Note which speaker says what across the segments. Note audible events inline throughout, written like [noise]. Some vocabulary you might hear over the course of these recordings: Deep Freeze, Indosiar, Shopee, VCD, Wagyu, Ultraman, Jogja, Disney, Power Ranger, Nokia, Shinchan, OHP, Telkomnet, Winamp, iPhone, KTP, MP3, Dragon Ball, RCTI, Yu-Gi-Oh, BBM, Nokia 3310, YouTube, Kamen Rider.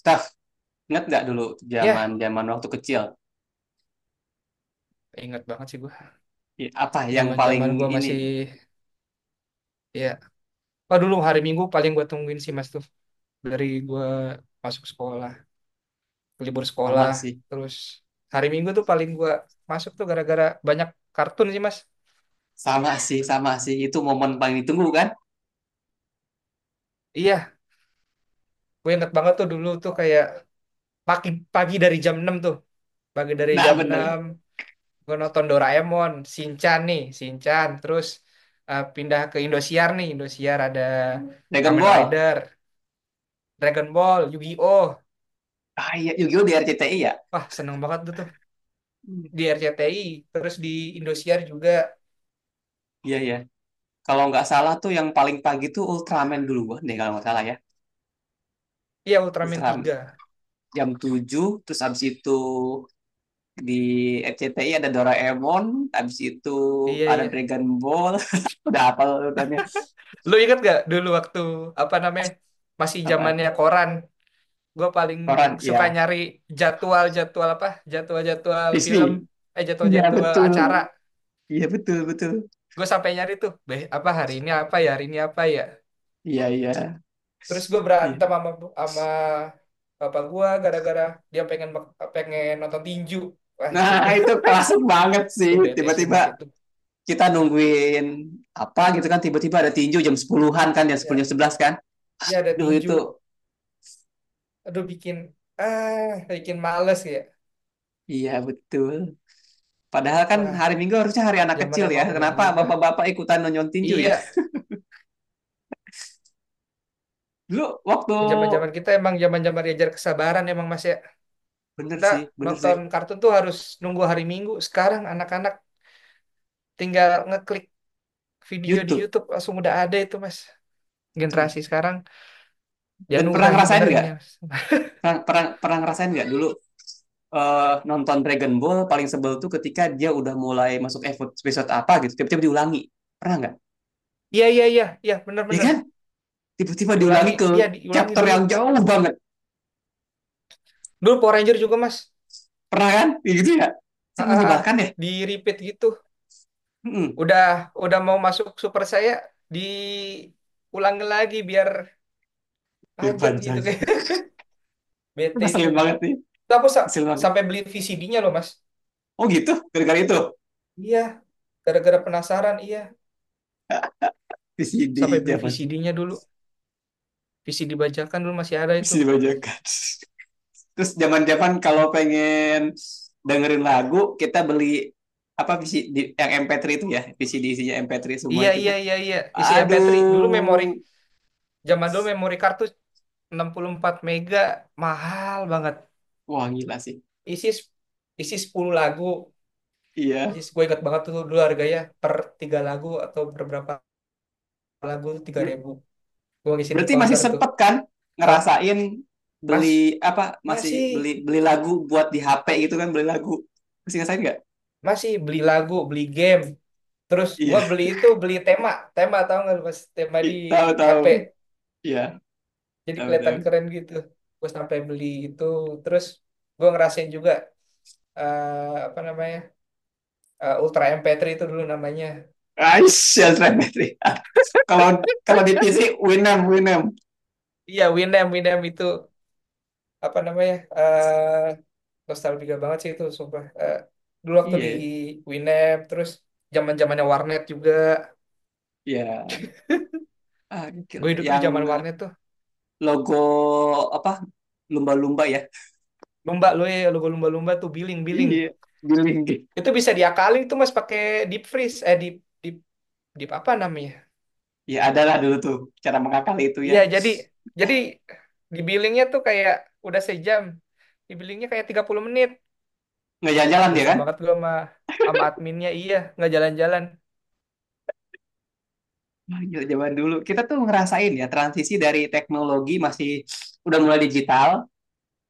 Speaker 1: Staff, ingat nggak dulu zaman
Speaker 2: Ya,
Speaker 1: zaman waktu kecil?
Speaker 2: ingat banget sih gue.
Speaker 1: Apa yang paling
Speaker 2: Zaman-zaman gue
Speaker 1: ini.
Speaker 2: masih, ya, oh, dulu hari Minggu paling gue tungguin sih, Mas, tuh. Dari gue masuk sekolah, libur sekolah,
Speaker 1: Sama sih,
Speaker 2: terus hari Minggu tuh paling gue masuk tuh gara-gara banyak kartun sih, Mas.
Speaker 1: sama sih, sama sih. Itu momen paling ditunggu kan?
Speaker 2: Iya, gue ingat banget tuh dulu tuh kayak pagi pagi dari jam 6 tuh, pagi dari
Speaker 1: Nah
Speaker 2: jam
Speaker 1: bener.
Speaker 2: 6 gue nonton Doraemon, Shinchan nih, Shinchan, terus pindah ke Indosiar nih, Indosiar ada
Speaker 1: Dragon
Speaker 2: Kamen
Speaker 1: Ball.
Speaker 2: Rider, Dragon Ball, Yu-Gi-Oh.
Speaker 1: Ah iya, Yu-Gi-Oh di RCTI ya?
Speaker 2: Wah, seneng banget tuh
Speaker 1: Hmm.
Speaker 2: di RCTI, terus di Indosiar juga.
Speaker 1: Iya ya. Kalau nggak salah tuh yang paling pagi tuh Ultraman duluan deh, kalau nggak salah ya.
Speaker 2: Iya, Ultraman
Speaker 1: Ultraman
Speaker 2: tiga
Speaker 1: jam 7, terus abis itu di RCTI ada Doraemon, abis itu
Speaker 2: iya,
Speaker 1: ada
Speaker 2: iya.
Speaker 1: Dragon Ball. [laughs] Udah, apa urutannya?
Speaker 2: Lu inget gak dulu waktu apa namanya, masih zamannya
Speaker 1: Apaan?
Speaker 2: koran. Gue paling
Speaker 1: Koran,
Speaker 2: suka
Speaker 1: ya.
Speaker 2: nyari jadwal jadwal apa, jadwal jadwal
Speaker 1: Disney.
Speaker 2: film, jadwal
Speaker 1: Iya
Speaker 2: jadwal
Speaker 1: betul.
Speaker 2: acara.
Speaker 1: Iya betul betul.
Speaker 2: Gue sampai nyari tuh, beh, apa hari ini, apa ya, hari ini apa ya.
Speaker 1: Iya iya.
Speaker 2: Terus gue
Speaker 1: Iya.
Speaker 2: berantem sama sama bapak gue gara-gara dia pengen pengen nonton tinju. Wah,
Speaker 1: Nah,
Speaker 2: itu tuh
Speaker 1: [laughs] itu klasik banget sih.
Speaker 2: tuh bete sih, Mas,
Speaker 1: Tiba-tiba
Speaker 2: itu.
Speaker 1: kita nungguin apa gitu kan. Tiba-tiba ada tinju jam 10-an kan. Jam 10,
Speaker 2: Ya,
Speaker 1: jam 11 kan.
Speaker 2: ya, ada
Speaker 1: Duh itu.
Speaker 2: tinju. Aduh bikin, bikin males ya.
Speaker 1: Iya betul. Padahal kan
Speaker 2: Wah,
Speaker 1: hari Minggu harusnya hari anak
Speaker 2: zaman
Speaker 1: kecil ya.
Speaker 2: emang udah
Speaker 1: Kenapa
Speaker 2: berubah,
Speaker 1: bapak-bapak ikutan nonton tinju ya?
Speaker 2: iya.
Speaker 1: Dulu waktu
Speaker 2: Zaman zaman kita emang zaman zaman diajar kesabaran emang, Mas, ya.
Speaker 1: bener
Speaker 2: Kita
Speaker 1: sih, bener sih.
Speaker 2: nonton kartun tuh harus nunggu hari Minggu. Sekarang anak-anak tinggal ngeklik video di
Speaker 1: YouTube.
Speaker 2: YouTube, langsung udah ada itu, Mas.
Speaker 1: Betul.
Speaker 2: Generasi sekarang
Speaker 1: Dan pernah
Speaker 2: dianugerahi
Speaker 1: ngerasain
Speaker 2: bener
Speaker 1: nggak
Speaker 2: ini, Mas.
Speaker 1: Pernah, pernah, pernah ngerasain nggak dulu, nonton Dragon Ball paling sebel tuh ketika dia udah mulai masuk episode, episode apa gitu, tiba-tiba diulangi. Pernah nggak?
Speaker 2: [laughs] Iya, iya, iya, iya, bener
Speaker 1: Ya
Speaker 2: bener.
Speaker 1: kan? Tiba-tiba
Speaker 2: Diulangi,
Speaker 1: diulangi ke
Speaker 2: dia diulangi
Speaker 1: chapter
Speaker 2: dulu.
Speaker 1: yang jauh banget.
Speaker 2: Dulu Power Ranger juga, Mas.
Speaker 1: Pernah kan? Ya gitu ya?
Speaker 2: Ah,
Speaker 1: Kan
Speaker 2: ah, ah.
Speaker 1: menyebalkan ya?
Speaker 2: Di repeat gitu.
Speaker 1: Mm-mm.
Speaker 2: Udah, mau masuk super saya, diulang lagi biar
Speaker 1: Biar
Speaker 2: panjang gitu
Speaker 1: panjang.
Speaker 2: [laughs] kayak
Speaker 1: [laughs]
Speaker 2: bete itu.
Speaker 1: Ngeselin banget nih.
Speaker 2: Tuh, Aku
Speaker 1: Ngeselin banget.
Speaker 2: sampai beli VCD-nya loh, Mas.
Speaker 1: Oh gitu? Gara-gara itu?
Speaker 2: Iya, gara-gara penasaran, iya. Sampai
Speaker 1: VCD
Speaker 2: beli
Speaker 1: zaman.
Speaker 2: VCD-nya dulu. VCD bajakan dulu masih ada itu.
Speaker 1: VCD bajakan. [laughs] Terus zaman-zaman kalau pengen dengerin lagu, kita beli apa visi di, yang MP3 itu ya, VCD isinya MP3 semua
Speaker 2: Iya,
Speaker 1: itu
Speaker 2: iya,
Speaker 1: kan.
Speaker 2: iya, iya, isi MP3. Dulu memori
Speaker 1: Aduh,
Speaker 2: Zaman dulu memori kartu 64 mega mahal banget.
Speaker 1: wah gila sih.
Speaker 2: Isi s- isi 10 lagu.
Speaker 1: Iya.
Speaker 2: Isi, gue ingat banget tuh dulu harganya per 3 lagu atau per berapa lagu tuh tiga
Speaker 1: Ber-
Speaker 2: ribu. Gue ngisi di
Speaker 1: berarti masih
Speaker 2: counter tuh,
Speaker 1: sempet kan
Speaker 2: Kak,
Speaker 1: ngerasain
Speaker 2: Mas,
Speaker 1: beli apa masih
Speaker 2: masih
Speaker 1: beli beli lagu buat di HP gitu kan, beli lagu. Masih ngerasain nggak?
Speaker 2: masih beli lagu, beli game, terus gue
Speaker 1: Iya.
Speaker 2: beli itu, beli tema, tema tau gak lu, Mas, tema di
Speaker 1: Tahu
Speaker 2: HP,
Speaker 1: tahu. Iya,
Speaker 2: jadi
Speaker 1: tahu
Speaker 2: kelihatan
Speaker 1: tahu.
Speaker 2: keren gitu. Gue sampai beli itu. Terus gue ngerasain juga, apa namanya, Ultra MP3 itu dulu namanya.
Speaker 1: Aisyah [laughs] MP3. Kalau kalau di PC Winamp Winamp.
Speaker 2: Iya, Winamp Winamp itu apa namanya, nostalgia banget sih itu sumpah. Dulu waktu di
Speaker 1: Iya,
Speaker 2: Winamp. Terus zaman zamannya warnet juga,
Speaker 1: ya. Ah, gokil,
Speaker 2: gue hidup tuh di zaman
Speaker 1: yang
Speaker 2: warnet tuh.
Speaker 1: logo apa, lumba-lumba ya.
Speaker 2: Lumba, lu ya, lu lumba-lumba tuh billing-billing.
Speaker 1: Iya giling gitu.
Speaker 2: Itu bisa diakalin tuh, Mas, pakai deep freeze, eh deep deep deep apa namanya?
Speaker 1: Ya adalah dulu tuh cara mengakali itu ya.
Speaker 2: Iya, jadi, jadi di billingnya tuh kayak udah sejam. Di billingnya kayak 30 menit.
Speaker 1: Nggak
Speaker 2: Nah,
Speaker 1: jalan-jalan dia
Speaker 2: dosa
Speaker 1: kan.
Speaker 2: banget gua sama sama adminnya, iya, nggak jalan-jalan.
Speaker 1: Wah, gila, zaman dulu kita tuh ngerasain ya transisi dari teknologi masih, udah mulai digital,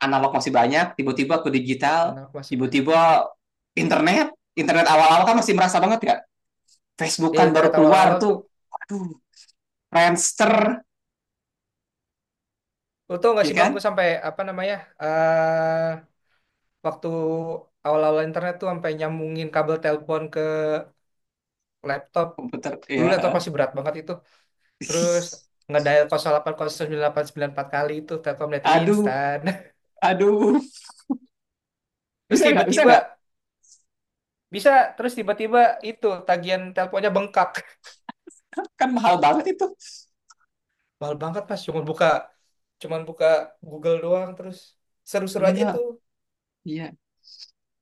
Speaker 1: analog masih banyak, tiba-tiba ke digital,
Speaker 2: Anak, Mas, banyak.
Speaker 1: tiba-tiba internet internet awal-awal kan masih merasa banget ya. Facebook
Speaker 2: Iya,
Speaker 1: kan
Speaker 2: internet
Speaker 1: baru keluar
Speaker 2: awal-awal tuh.
Speaker 1: tuh. Aduh, Friendster
Speaker 2: Lu tau gak
Speaker 1: ya
Speaker 2: sih, Bang,
Speaker 1: kan.
Speaker 2: gue sampai apa namanya, eh waktu awal-awal internet tuh sampai nyambungin kabel telepon ke laptop.
Speaker 1: Komputer
Speaker 2: Dulu laptop
Speaker 1: ya.
Speaker 2: pasti berat banget itu. Terus
Speaker 1: [laughs]
Speaker 2: ngedial 08 09 94 kali itu Telkomnet
Speaker 1: Aduh,
Speaker 2: instan.
Speaker 1: aduh.
Speaker 2: [laughs] Terus
Speaker 1: Bisa nggak? Bisa
Speaker 2: tiba-tiba
Speaker 1: nggak?
Speaker 2: bisa. Terus tiba-tiba itu tagihan teleponnya bengkak. [laughs]
Speaker 1: Kan mahal banget itu.
Speaker 2: Mahal banget pas cuman buka cuman buka Google doang terus seru-seru aja itu.
Speaker 1: Iya, iya.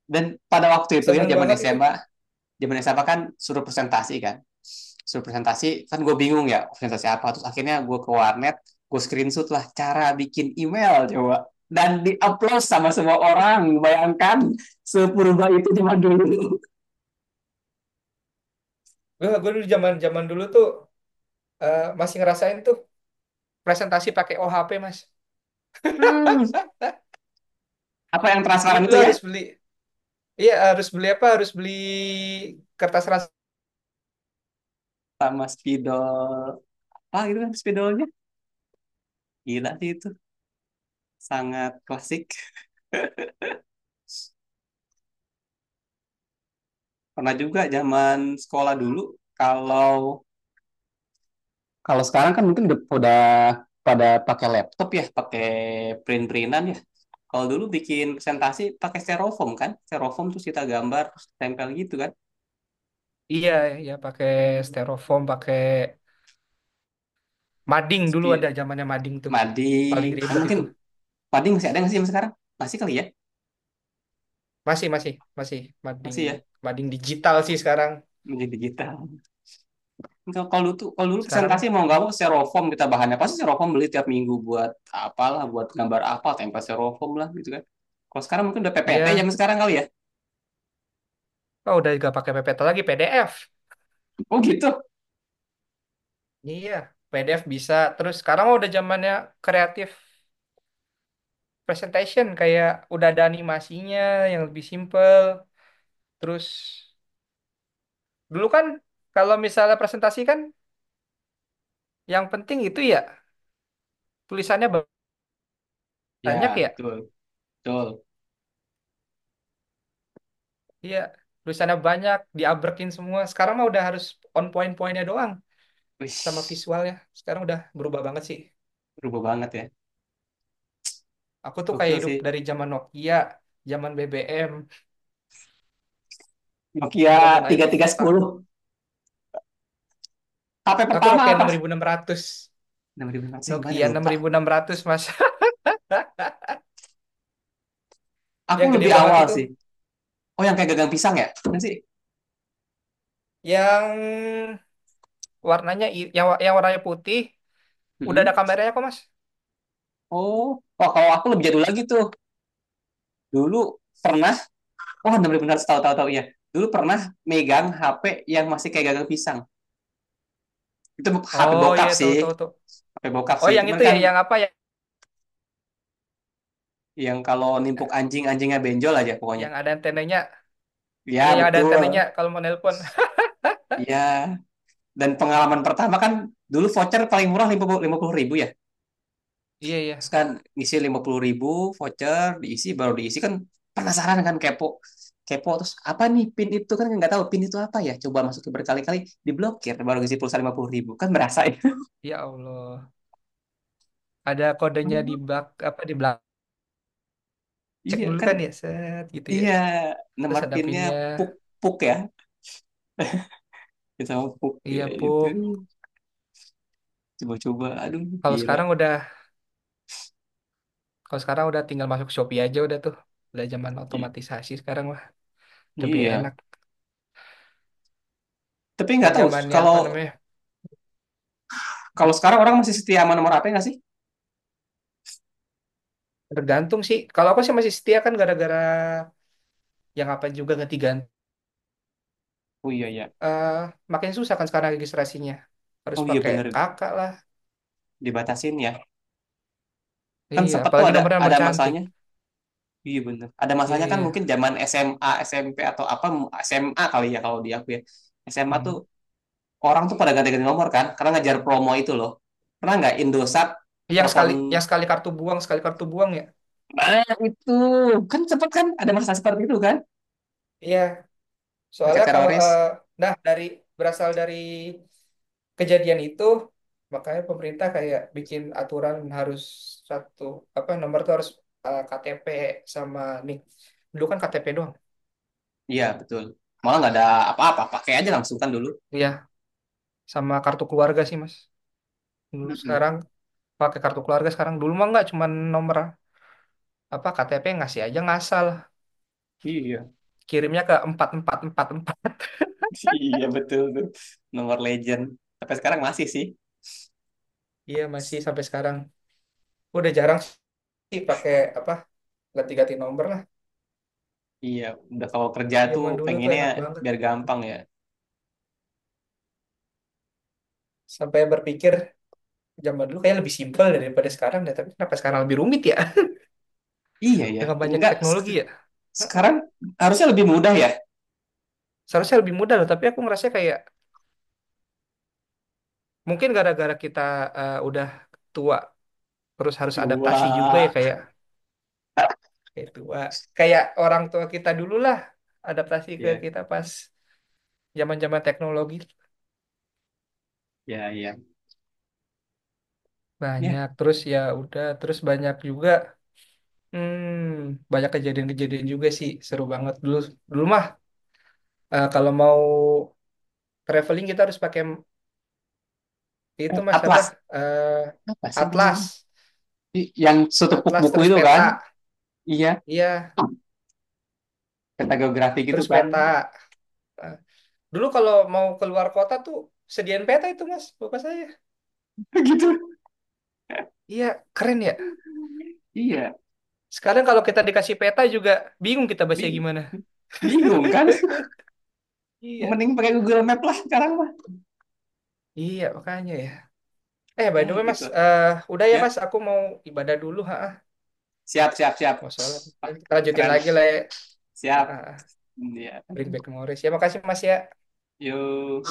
Speaker 1: Dan pada waktu itu ya,
Speaker 2: Seneng banget
Speaker 1: zaman
Speaker 2: itu.
Speaker 1: SMA, zaman SMA kan suruh presentasi kan. Suruh presentasi, kan gue bingung ya, presentasi apa. Terus akhirnya gue ke warnet, gue screenshot lah cara bikin email coba. Dan di-upload sama semua orang. Bayangkan, sepurba itu zaman dulu.
Speaker 2: Gue dulu zaman-zaman dulu tuh, masih ngerasain tuh presentasi pakai OHP, Mas.
Speaker 1: Hmm, apa yang transparan itu
Speaker 2: Lu
Speaker 1: ya?
Speaker 2: harus beli, iya harus beli apa? Harus beli kertas ras.
Speaker 1: Sama spidol, apa gitu kan spidolnya. Gila sih itu. Sangat klasik. Pernah juga zaman sekolah dulu. Kalau kalau sekarang kan mungkin udah pada pakai laptop ya, pakai print-printan ya. Kalau dulu bikin presentasi pakai styrofoam kan? Styrofoam, terus kita gambar terus tempel gitu kan.
Speaker 2: Iya, iya, pakai styrofoam, pakai mading. Dulu
Speaker 1: Spi-
Speaker 2: ada zamannya mading tuh. Paling
Speaker 1: mading. Nah,
Speaker 2: ribet
Speaker 1: mungkin
Speaker 2: itu.
Speaker 1: mading masih ada nggak sih yang sekarang? Masih kali ya?
Speaker 2: Masih, masih masih mading.
Speaker 1: Masih ya?
Speaker 2: Mading digital sih sekarang,
Speaker 1: Menjadi digital. Kalau kalau dulu presentasi
Speaker 2: sekarang
Speaker 1: mau nggak mau styrofoam, kita bahannya pasti styrofoam, beli tiap minggu buat apalah, buat gambar apa, tempel styrofoam lah gitu kan. Kalau sekarang mungkin udah
Speaker 2: iya,
Speaker 1: PPT zaman sekarang kali ya.
Speaker 2: oh udah gak pakai PPT lagi, PDF.
Speaker 1: Oh gitu.
Speaker 2: Iya, PDF bisa. Terus sekarang mah udah zamannya kreatif presentation, kayak udah ada animasinya, yang lebih simple. Terus dulu kan kalau misalnya presentasi kan yang penting itu ya tulisannya banyak
Speaker 1: Ya,
Speaker 2: ya.
Speaker 1: betul, betul.
Speaker 2: Iya, tulisannya banyak diabrekin semua. Sekarang mah udah harus on point-pointnya doang,
Speaker 1: Wih,
Speaker 2: sama visualnya. Sekarang udah berubah banget sih.
Speaker 1: berubah banget ya.
Speaker 2: Aku tuh kayak
Speaker 1: Gokil
Speaker 2: hidup
Speaker 1: sih.
Speaker 2: dari zaman Nokia, zaman BBM,
Speaker 1: Nokia
Speaker 2: zaman iPhone pertama.
Speaker 1: 3310. HP
Speaker 2: Aku
Speaker 1: pertama
Speaker 2: Nokia enam enam
Speaker 1: apa?
Speaker 2: ribu enam ratus.
Speaker 1: 6500 yang gimana ya?
Speaker 2: Nokia enam enam
Speaker 1: Lupa.
Speaker 2: ribu enam ratus, Mas. [laughs] Hah?
Speaker 1: Aku
Speaker 2: Yang gede
Speaker 1: lebih
Speaker 2: banget
Speaker 1: awal
Speaker 2: itu.
Speaker 1: sih. Oh, yang kayak gagang pisang ya? Kan sih?
Speaker 2: Yang warnanya i- yang wa- Yang warnanya putih, udah ada
Speaker 1: Mm-mm.
Speaker 2: kameranya kok, Mas.
Speaker 1: Oh, wah kalau aku lebih jadul lagi tuh. Dulu pernah, oh 6600, tahu-tahu tahu tahu ya. Dulu pernah megang HP yang masih kayak gagang pisang. Itu HP
Speaker 2: Oh
Speaker 1: bokap
Speaker 2: iya, tahu
Speaker 1: sih.
Speaker 2: tahu tuh.
Speaker 1: HP bokap
Speaker 2: Oh,
Speaker 1: sih.
Speaker 2: yang
Speaker 1: Cuman
Speaker 2: itu ya,
Speaker 1: kan
Speaker 2: yang apa ya?
Speaker 1: yang kalau nimpuk anjing, anjingnya benjol aja pokoknya.
Speaker 2: Yang ada antenanya. Iya,
Speaker 1: Ya,
Speaker 2: yang ada antenanya
Speaker 1: betul.
Speaker 2: kalau mau nelpon. [laughs]
Speaker 1: Iya. Dan pengalaman pertama kan dulu voucher paling murah 50.000 ya,
Speaker 2: Iya,
Speaker 1: terus
Speaker 2: iya.
Speaker 1: kan ngisi 50.000 voucher, diisi baru diisi kan, penasaran kan, kepo kepo, terus apa nih pin itu kan, nggak tahu pin itu apa ya, coba masukin berkali-kali, diblokir baru ngisi pulsa 50.000 kan, merasa ya.
Speaker 2: Ya Allah. Ada kodenya di
Speaker 1: Oh,
Speaker 2: bak, apa di belakang. Cek
Speaker 1: iya
Speaker 2: dulu
Speaker 1: kan.
Speaker 2: kan ya, set gitu ya.
Speaker 1: Iya,
Speaker 2: Terus
Speaker 1: nomor
Speaker 2: ada
Speaker 1: pinnya
Speaker 2: pinnya.
Speaker 1: puk, puk ya. Kita mau puk
Speaker 2: Iya,
Speaker 1: ya itu,
Speaker 2: Puk.
Speaker 1: coba-coba. Aduh,
Speaker 2: Kalau
Speaker 1: gila.
Speaker 2: sekarang udah Kalau sekarang udah tinggal masuk Shopee aja udah tuh. Udah zaman otomatisasi sekarang mah, lebih
Speaker 1: Iya,
Speaker 2: enak.
Speaker 1: tapi
Speaker 2: Ini
Speaker 1: nggak tahu
Speaker 2: zamannya
Speaker 1: kalau
Speaker 2: apa namanya?
Speaker 1: kalau
Speaker 2: Hmm,
Speaker 1: sekarang orang masih setia sama nomor apa nggak sih.
Speaker 2: Tergantung sih. Kalau aku sih masih setia kan gara-gara yang apa juga ganti-ganti.
Speaker 1: Oh iya ya.
Speaker 2: Eh, makin susah kan sekarang registrasinya. Harus
Speaker 1: Oh iya,
Speaker 2: pakai
Speaker 1: bener.
Speaker 2: kakak lah.
Speaker 1: Dibatasin ya. Kan
Speaker 2: Iya,
Speaker 1: sempet tuh
Speaker 2: apalagi
Speaker 1: ada
Speaker 2: nomornya nomor
Speaker 1: ada
Speaker 2: cantik.
Speaker 1: masanya. Iya bener. Ada
Speaker 2: Iya,
Speaker 1: masanya kan mungkin
Speaker 2: iya.
Speaker 1: zaman SMA, SMP atau apa, SMA kali ya kalau di aku ya. SMA
Speaker 2: Hmm.
Speaker 1: tuh orang tuh pada ganti-ganti nomor kan, karena ngajar promo itu loh. Pernah nggak Indosat telepon.
Speaker 2: Yang sekali kartu buang ya.
Speaker 1: Nah, itu kan cepet kan, ada masa seperti itu kan,
Speaker 2: Iya,
Speaker 1: dekat
Speaker 2: soalnya kalau,
Speaker 1: teroris.
Speaker 2: nah, dari, berasal dari kejadian itu makanya pemerintah kayak bikin aturan harus satu, apa, nomor tuh harus, KTP, sama nih, dulu kan KTP doang.
Speaker 1: Iya betul. Malah nggak ada apa-apa, pakai aja langsung kan dulu.
Speaker 2: Iya, sama kartu keluarga sih, Mas. Dulu
Speaker 1: Mm-mm.
Speaker 2: sekarang pakai kartu keluarga sekarang. Dulu mah nggak, cuman nomor, apa, KTP ngasih aja ngasal,
Speaker 1: Iya,
Speaker 2: kirimnya ke 4444.
Speaker 1: [laughs] iya betul tuh. Nomor legend. Tapi sekarang masih sih.
Speaker 2: Iya, masih sampai sekarang. Udah jarang sih pakai, apa, ganti-ganti nomor lah.
Speaker 1: Iya, udah kalau kerja tuh
Speaker 2: Zaman dulu tuh
Speaker 1: pengennya
Speaker 2: enak banget,
Speaker 1: biar gampang ya.
Speaker 2: sampai berpikir zaman dulu kayak lebih simpel daripada sekarang deh, tapi kenapa sekarang lebih rumit ya
Speaker 1: Iya ya,
Speaker 2: dengan banyak
Speaker 1: enggak
Speaker 2: teknologi ya.
Speaker 1: sekarang harusnya lebih mudah ya.
Speaker 2: Seharusnya lebih mudah loh, tapi aku ngerasa kayak mungkin gara-gara kita, udah tua, terus harus adaptasi juga ya,
Speaker 1: Dua,
Speaker 2: kayak, tua. Kayak orang tua kita dulu lah adaptasi ke
Speaker 1: ya,
Speaker 2: kita pas zaman-zaman teknologi
Speaker 1: ya, ya, ya.
Speaker 2: banyak terus ya, udah, terus banyak juga. Banyak kejadian-kejadian juga sih. Seru banget dulu. Dulu mah, kalau mau traveling kita harus pakai itu, Mas, apa.
Speaker 1: Atlas,
Speaker 2: Eh,
Speaker 1: apa sih
Speaker 2: atlas.
Speaker 1: namanya? Yang setepuk
Speaker 2: Atlas
Speaker 1: buku
Speaker 2: terus
Speaker 1: itu
Speaker 2: peta.
Speaker 1: kan? Iya,
Speaker 2: Iya,
Speaker 1: peta geografi gitu
Speaker 2: terus
Speaker 1: kan?
Speaker 2: peta. Nah, dulu kalau mau keluar kota tuh sediain peta itu, Mas, bapak saya.
Speaker 1: [laughs] Gitu.
Speaker 2: Iya, keren ya.
Speaker 1: Iya,
Speaker 2: Sekarang kalau kita dikasih peta juga bingung kita baca
Speaker 1: bing
Speaker 2: gimana.
Speaker 1: bingung kan? [laughs]
Speaker 2: Iya,
Speaker 1: Mending pakai Google Map lah sekarang mah.
Speaker 2: iya makanya ya. Eh, by
Speaker 1: Ya
Speaker 2: the way, Mas,
Speaker 1: gitu.
Speaker 2: udah ya,
Speaker 1: Ya,
Speaker 2: Mas, aku mau ibadah dulu. Ha,
Speaker 1: siap, siap, siap.
Speaker 2: mau sholat.
Speaker 1: Wah,
Speaker 2: Kita lanjutin
Speaker 1: keren.
Speaker 2: lagi lah ya. Ha,
Speaker 1: Siap.
Speaker 2: ha,
Speaker 1: Ya.
Speaker 2: bring back memories. Ya, makasih, Mas, ya.
Speaker 1: Yuk.